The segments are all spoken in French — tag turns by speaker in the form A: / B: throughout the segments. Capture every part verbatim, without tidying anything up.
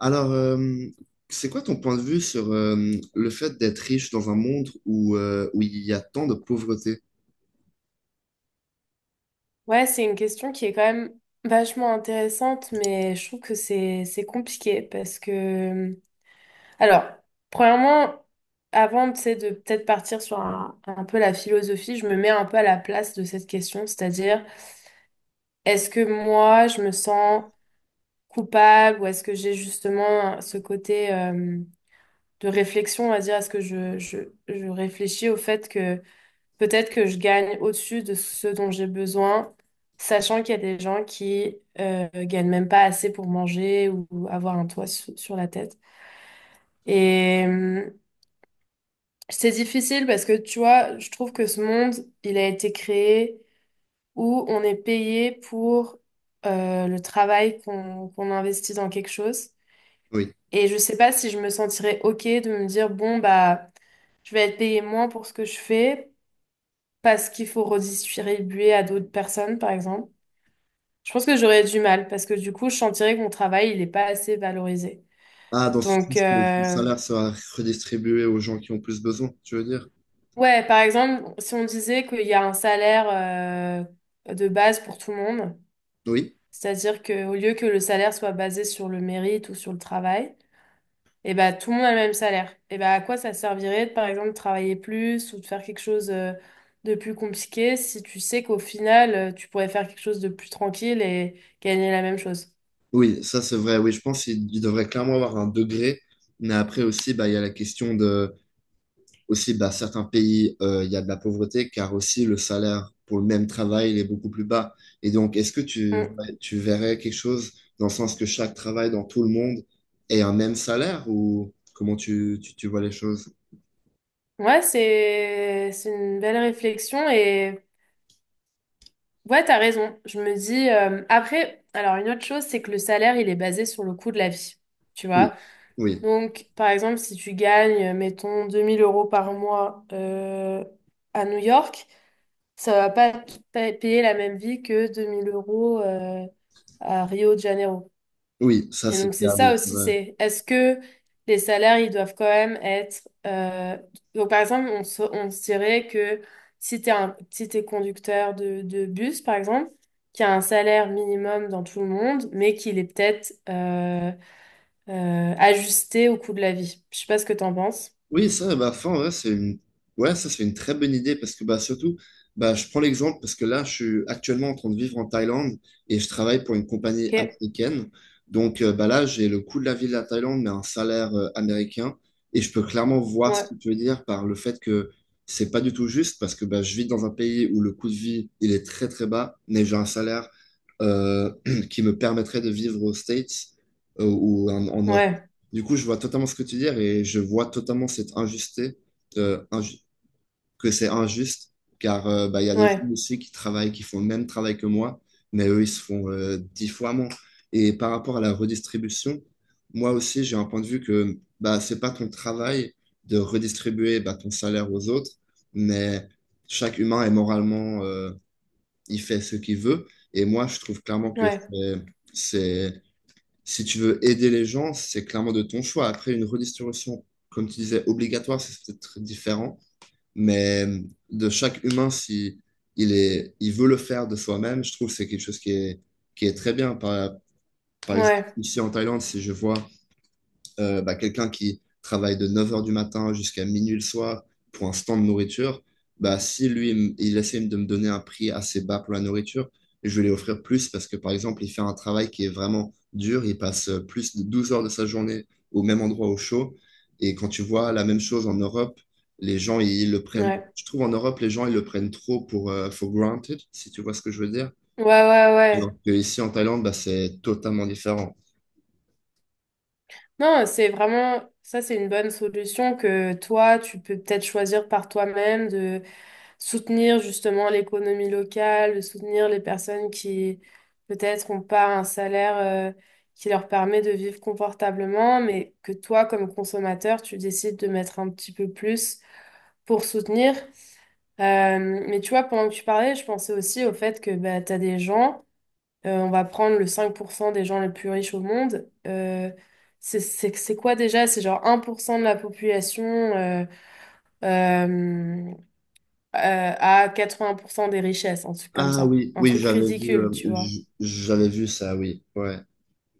A: Alors, euh, c'est quoi ton point de vue sur euh, le fait d'être riche dans un monde où, euh, où il y a tant de pauvreté?
B: Ouais, c'est une question qui est quand même vachement intéressante, mais je trouve que c'est c'est compliqué parce que, alors, premièrement, avant, tu sais, de peut-être partir sur un, un peu la philosophie, je me mets un peu à la place de cette question, c'est-à-dire est-ce que moi je me sens coupable ou est-ce que j'ai justement ce côté euh, de réflexion, à dire est-ce que je, je, je réfléchis au fait que peut-être que je gagne au-dessus de ce dont j'ai besoin, sachant qu'il y a des gens qui euh, gagnent même pas assez pour manger ou avoir un toit su- sur la tête. Et euh, c'est difficile parce que tu vois, je trouve que ce monde, il a été créé où on est payé pour euh, le travail qu'on qu'on investit dans quelque chose.
A: Oui.
B: Et je sais pas si je me sentirais OK de me dire, bon, bah, je vais être payé moins pour ce que je fais parce qu'il faut redistribuer à d'autres personnes, par exemple. Je pense que j'aurais du mal parce que du coup, je sentirais que mon travail, il n'est pas assez valorisé.
A: Ah, dans ce
B: Donc,
A: sens que le
B: euh,
A: salaire sera redistribué aux gens qui ont plus besoin, tu veux dire?
B: ouais, par exemple, si on disait qu'il y a un salaire euh, de base pour tout le monde,
A: Oui.
B: c'est-à-dire qu'au lieu que le salaire soit basé sur le mérite ou sur le travail, et ben tout le monde a le même salaire. Et ben à quoi ça servirait de, par exemple, travailler plus ou de faire quelque chose euh, de plus compliqué si tu sais qu'au final, euh, tu pourrais faire quelque chose de plus tranquille et gagner la même chose?
A: Oui, ça c'est vrai. Oui, je pense qu'il il devrait clairement avoir un degré. Mais après aussi, bah, il y a la question de aussi, bah, certains pays, euh, il y a de la pauvreté, car aussi le salaire pour le même travail, il est beaucoup plus bas. Et donc, est-ce que tu, tu verrais quelque chose dans le sens que chaque travail dans tout le monde ait un même salaire ou comment tu, tu, tu vois les choses?
B: Ouais, c'est c'est une belle réflexion et ouais, t'as raison. Je me dis euh, après, alors une autre chose, c'est que le salaire, il est basé sur le coût de la vie, tu vois.
A: Oui, oui,
B: Donc, par exemple, si tu gagnes, mettons, deux mille euros par mois euh, à New York, ça va pas te pa- payer la même vie que deux mille euros euh, à Rio de Janeiro.
A: oui, ça
B: Et
A: c'est
B: donc c'est
A: clair,
B: ça
A: oui.
B: aussi, c'est est-ce que les salaires, ils doivent quand même être. euh, Donc par exemple, on se, on se dirait que si t'es un, si t'es conducteur de, de bus, par exemple, qui a un salaire minimum dans tout le monde, mais qu'il est peut-être euh, euh, ajusté au coût de la vie. Je sais pas ce que t'en penses.
A: Oui, ça, bah, fin, ouais, c'est une... ouais, ça, c'est une très bonne idée parce que bah, surtout, bah, je prends l'exemple parce que là, je suis actuellement en train de vivre en Thaïlande et je travaille pour une compagnie
B: Ok,
A: américaine. Donc euh, bah, là, j'ai le coût de la vie de la Thaïlande, mais un salaire euh, américain. Et je peux clairement voir ce
B: ouais,
A: que tu veux dire par le fait que c'est pas du tout juste parce que bah, je vis dans un pays où le coût de vie, il est très très bas, mais j'ai un salaire euh, qui me permettrait de vivre aux States euh, ou en, en Europe.
B: ouais,
A: Du coup, je vois totalement ce que tu dis et je vois totalement cette injusté, euh, inju- que c'est injuste, car euh, bah, il y a des gens
B: ouais,
A: aussi qui travaillent, qui font le même travail que moi, mais eux, ils se font euh, dix fois moins. Et par rapport à la redistribution, moi aussi, j'ai un point de vue que bah, c'est pas ton travail de redistribuer bah, ton salaire aux autres, mais chaque humain est moralement, euh, il fait ce qu'il veut. Et moi, je trouve clairement que
B: ouais,
A: c'est, c'est si tu veux aider les gens, c'est clairement de ton choix. Après, une redistribution, comme tu disais, obligatoire, c'est peut-être très différent. Mais euh, de chaque humain, si il est, il veut le faire de soi-même, je trouve que c'est quelque chose qui est, qui est très bien. Par, par exemple,
B: ouais,
A: ici en Thaïlande, si je vois euh, bah, quelqu'un qui travaille de neuf heures du matin jusqu'à minuit le soir pour un stand de nourriture, bah, si lui, il me- il essaie de me donner un prix assez bas pour la nourriture, je vais lui offrir plus parce que, par exemple, il fait un travail qui est vraiment dur, il passe euh, plus de douze heures de sa journée au même endroit au chaud. Et quand tu vois la même chose en Europe, les gens, ils le prennent,
B: ouais,
A: je trouve en Europe, les gens, ils le prennent trop pour, euh, for granted, si tu vois ce que je veux dire.
B: ouais, ouais,
A: Alors
B: ouais.
A: que ici en Thaïlande, bah, c'est totalement différent.
B: Non, c'est vraiment. Ça, c'est une bonne solution que toi, tu peux peut-être choisir par toi-même de soutenir justement l'économie locale, de soutenir les personnes qui peut-être n'ont pas un salaire euh, qui leur permet de vivre confortablement, mais que toi, comme consommateur, tu décides de mettre un petit peu plus pour soutenir. Euh, mais tu vois, pendant que tu parlais, je pensais aussi au fait que bah, tu as des gens, euh, on va prendre le cinq pour cent des gens les plus riches au monde. euh, c'est c'est- c'est quoi déjà? C'est genre un pour cent de la population. euh, euh, euh, à quatre-vingts pour cent des richesses, un truc comme
A: Ah
B: ça.
A: oui,
B: Un
A: oui,
B: truc
A: j'avais vu,
B: ridicule,
A: euh,
B: tu vois.
A: j- j'avais vu ça, oui, ouais.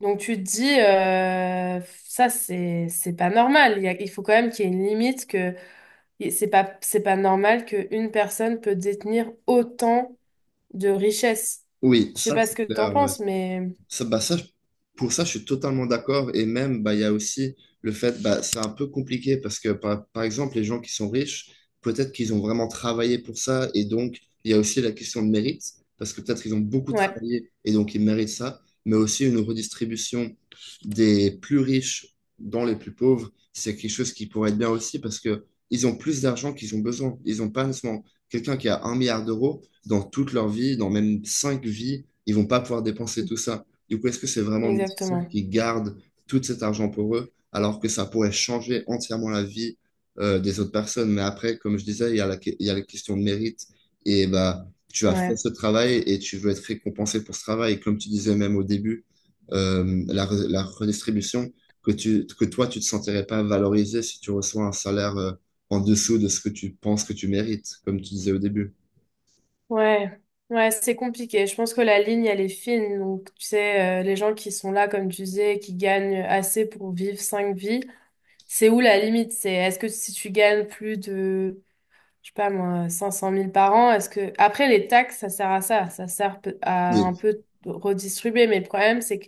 B: Donc tu te dis, euh, ça c'est c'est pas normal. Il y a- il faut quand même qu'il y ait une limite que et c'est pas c'est pas normal qu'une personne peut détenir autant de richesses.
A: Oui,
B: Je sais
A: ça
B: pas
A: c'est
B: ce que t'en
A: clair. Ouais.
B: penses, mais
A: Ça, bah ça, pour ça, je suis totalement d'accord. Et même, bah, il y a aussi le fait, bah, c'est un peu compliqué parce que, par, par exemple, les gens qui sont riches, peut-être qu'ils ont vraiment travaillé pour ça. Et donc, il y a aussi la question de mérite, parce que peut-être ils ont beaucoup
B: ouais,
A: travaillé et donc ils méritent ça. Mais aussi une redistribution des plus riches dans les plus pauvres, c'est quelque chose qui pourrait être bien aussi parce que ils ont plus d'argent qu'ils ont besoin. Ils n'ont pas nécessairement quelqu'un qui a un milliard d'euros dans toute leur vie, dans même cinq vies, ils vont pas pouvoir dépenser tout ça. Du coup, est-ce que c'est vraiment nécessaire
B: exactement.
A: qu'ils gardent tout cet argent pour eux, alors que ça pourrait changer entièrement la vie euh, des autres personnes? Mais après, comme je disais, il y a la, que- il y a la question de mérite. Et bah, tu as fait
B: Ouais,
A: ce travail et tu veux être récompensé pour ce travail. Comme tu disais même au début, euh, la, re- la redistribution, que, tu, que toi, tu ne te sentirais pas valorisé si tu reçois un salaire euh, en dessous de ce que tu penses que tu mérites, comme tu disais au début.
B: ouais, ouais, c'est compliqué. Je pense que la ligne elle est fine. Donc tu sais, euh, les gens qui sont là, comme tu disais, qui gagnent assez pour vivre cinq vies. C'est où la limite? C'est est-ce que si tu gagnes plus de, je sais pas moi, cinq cent mille par an, est-ce que. Après, les taxes, ça sert à ça. Ça sert peu- à un
A: Oui,
B: peu redistribuer. Mais le problème, c'est que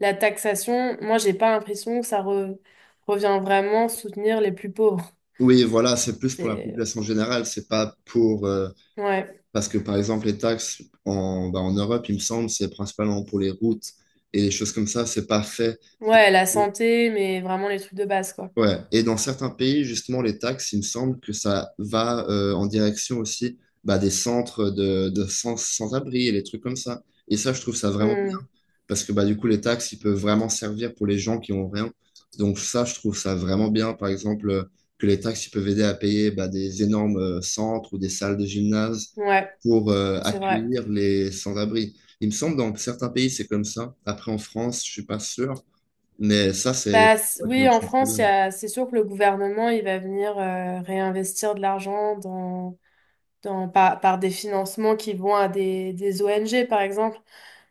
B: la taxation, moi, j'ai pas l'impression que ça re- revient vraiment soutenir les plus pauvres.
A: oui, voilà, c'est plus pour la
B: C'est.
A: population générale, c'est pas pour euh,
B: Ouais.
A: parce que par exemple, les taxes en, bah, en Europe, il me semble, c'est principalement pour les routes et les choses comme ça, c'est pas fait.
B: Ouais, la santé, mais vraiment les trucs de base, quoi.
A: Ouais. Et dans certains pays, justement, les taxes, il me semble que ça va euh, en direction aussi bah, des centres de, de sans, sans-abri et les trucs comme ça. Et ça, je trouve ça vraiment
B: Hmm.
A: parce que bah, du coup, les taxes, ils peuvent vraiment servir pour les gens qui ont rien. Donc ça, je trouve ça vraiment bien, par exemple, euh, que les taxes, ils peuvent aider à payer bah, des énormes euh, centres ou des salles de gymnase
B: Ouais,
A: pour euh,
B: c'est vrai.
A: accueillir les sans-abri. Il me semble dans certains pays, c'est comme ça. Après, en France, je suis pas sûr, mais ça, c'est...
B: Bah, c- oui, en France, il y a, c'est sûr que le gouvernement, il va venir euh, réinvestir de l'argent dans... dans- par, par, des financements qui vont à des, des O N G, par exemple.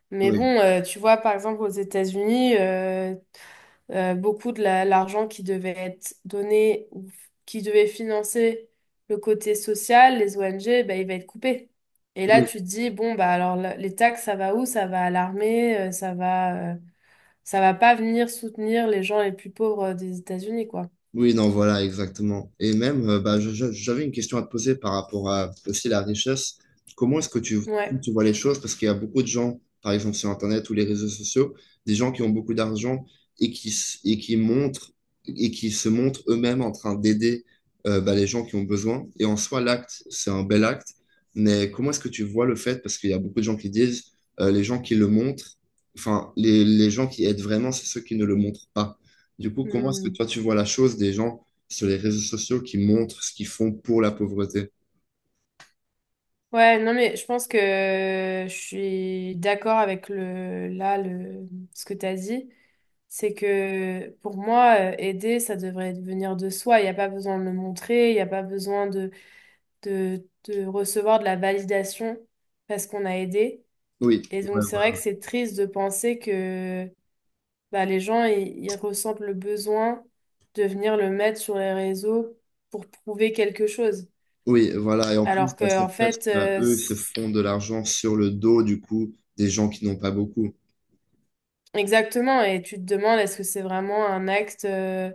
B: Mais
A: Oui.
B: bon, euh, tu vois, par exemple, aux États-Unis, euh, euh, beaucoup de la- l'argent qui devait être donné ou f- qui devait financer le côté social, les O N G, ben, il va être coupé. Et là, tu te dis, bon, bah, alors la- les taxes, ça va où? Ça va à l'armée, euh, ça va, euh, ça va pas venir soutenir les gens les plus pauvres euh, des États-Unis, quoi.
A: Oui, non, voilà, exactement. Et même, euh, bah, je- je- j'avais une question à te poser par rapport à aussi la richesse. Comment est-ce que tu,
B: Ouais.
A: tu vois les choses? Parce qu'il y a beaucoup de gens, par exemple sur Internet ou les réseaux sociaux, des gens qui ont beaucoup d'argent et qui, s- et qui montrent et qui se montrent eux-mêmes en train d'aider euh, bah, les gens qui ont besoin. Et en soi, l'acte, c'est un bel acte. Mais comment est-ce que tu vois le fait? Parce qu'il y a beaucoup de gens qui disent, euh, les gens qui le montrent, enfin, les, les gens qui aident vraiment, c'est ceux qui ne le montrent pas. Du coup, comment est-ce que
B: Hmm.
A: toi, tu vois la chose des gens sur les réseaux sociaux qui montrent ce qu'ils font pour la pauvreté?
B: Ouais, non, mais je pense que je suis d'accord avec le, là, le, ce que tu as dit. C'est que pour moi, euh, aider, ça devrait venir de soi. Il n'y a pas besoin de le montrer, il n'y a pas besoin de, de, de recevoir de la validation parce qu'on a aidé.
A: Oui,
B: Et
A: ouais,
B: donc, c'est vrai
A: ouais.
B: que c'est triste de penser que bah, les gens, ils, ils ressentent le besoin de venir le mettre sur les réseaux pour prouver quelque chose.
A: Oui, voilà. Et en plus,
B: Alors
A: bah,
B: qu'en
A: c'est presque,
B: fait.
A: bah,
B: euh,
A: eux, ils se font de l'argent sur le dos, du coup, des gens qui n'ont pas beaucoup.
B: Exactement, et tu te demandes est-ce que c'est vraiment un acte euh,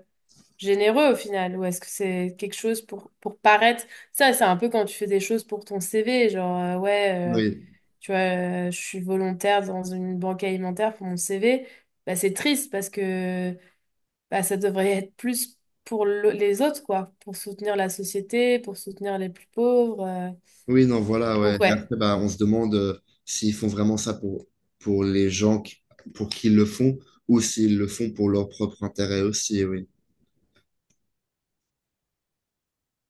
B: généreux au final, ou est-ce que c'est quelque chose pour, pour, paraître. Ça, c'est un peu quand tu fais des choses pour ton C V, genre euh, ouais, euh,
A: Oui,
B: tu vois, euh, je suis volontaire dans une banque alimentaire pour mon C V. Bah, c'est triste parce que bah, ça devrait être plus pour le- les autres, quoi, pour soutenir la société, pour soutenir les plus pauvres. euh.
A: oui, non, voilà, ouais.
B: Donc
A: Et
B: ouais,
A: après, bah, on se demande euh, s'ils font vraiment ça pour, pour les gens qui- pour qui ils le font ou s'ils le font pour leur propre intérêt aussi, oui.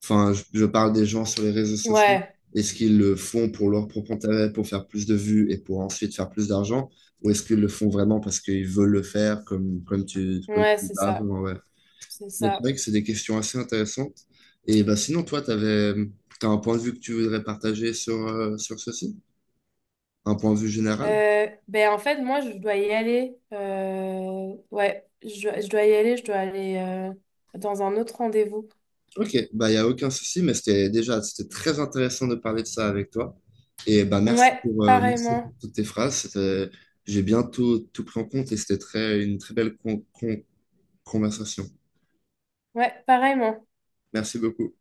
A: Enfin, je, je parle des gens sur les réseaux sociaux.
B: ouais,
A: Est-ce qu'ils le font pour leur propre intérêt, pour faire plus de vues et pour ensuite faire plus d'argent? Ou est-ce qu'ils le font vraiment parce qu'ils veulent le faire comme, comme tu, comme tu
B: ouais,
A: disais
B: c'est ça,
A: avant, ouais. Ouais.
B: c'est
A: Mais c'est
B: ça.
A: vrai que c'est des questions assez intéressantes. Et bah, sinon, toi, t'avais, t'as un point de vue que tu voudrais partager sur, euh, sur ceci? Un point de vue général?
B: Euh, ben en fait, moi, je dois y aller. Euh, ouais, je, dois- je dois y aller. Je dois aller euh, dans un autre rendez-vous.
A: Ok, bah, il n'y a aucun souci, mais c'était déjà c'était très intéressant de parler de ça avec toi. Et bah, merci
B: Ouais,
A: pour, euh, merci
B: pareillement.
A: pour toutes tes phrases. C'était- j'ai bientôt tout, tout pris en compte et c'était très, une très belle con- con- conversation.
B: Ouais, pareillement.
A: Merci beaucoup.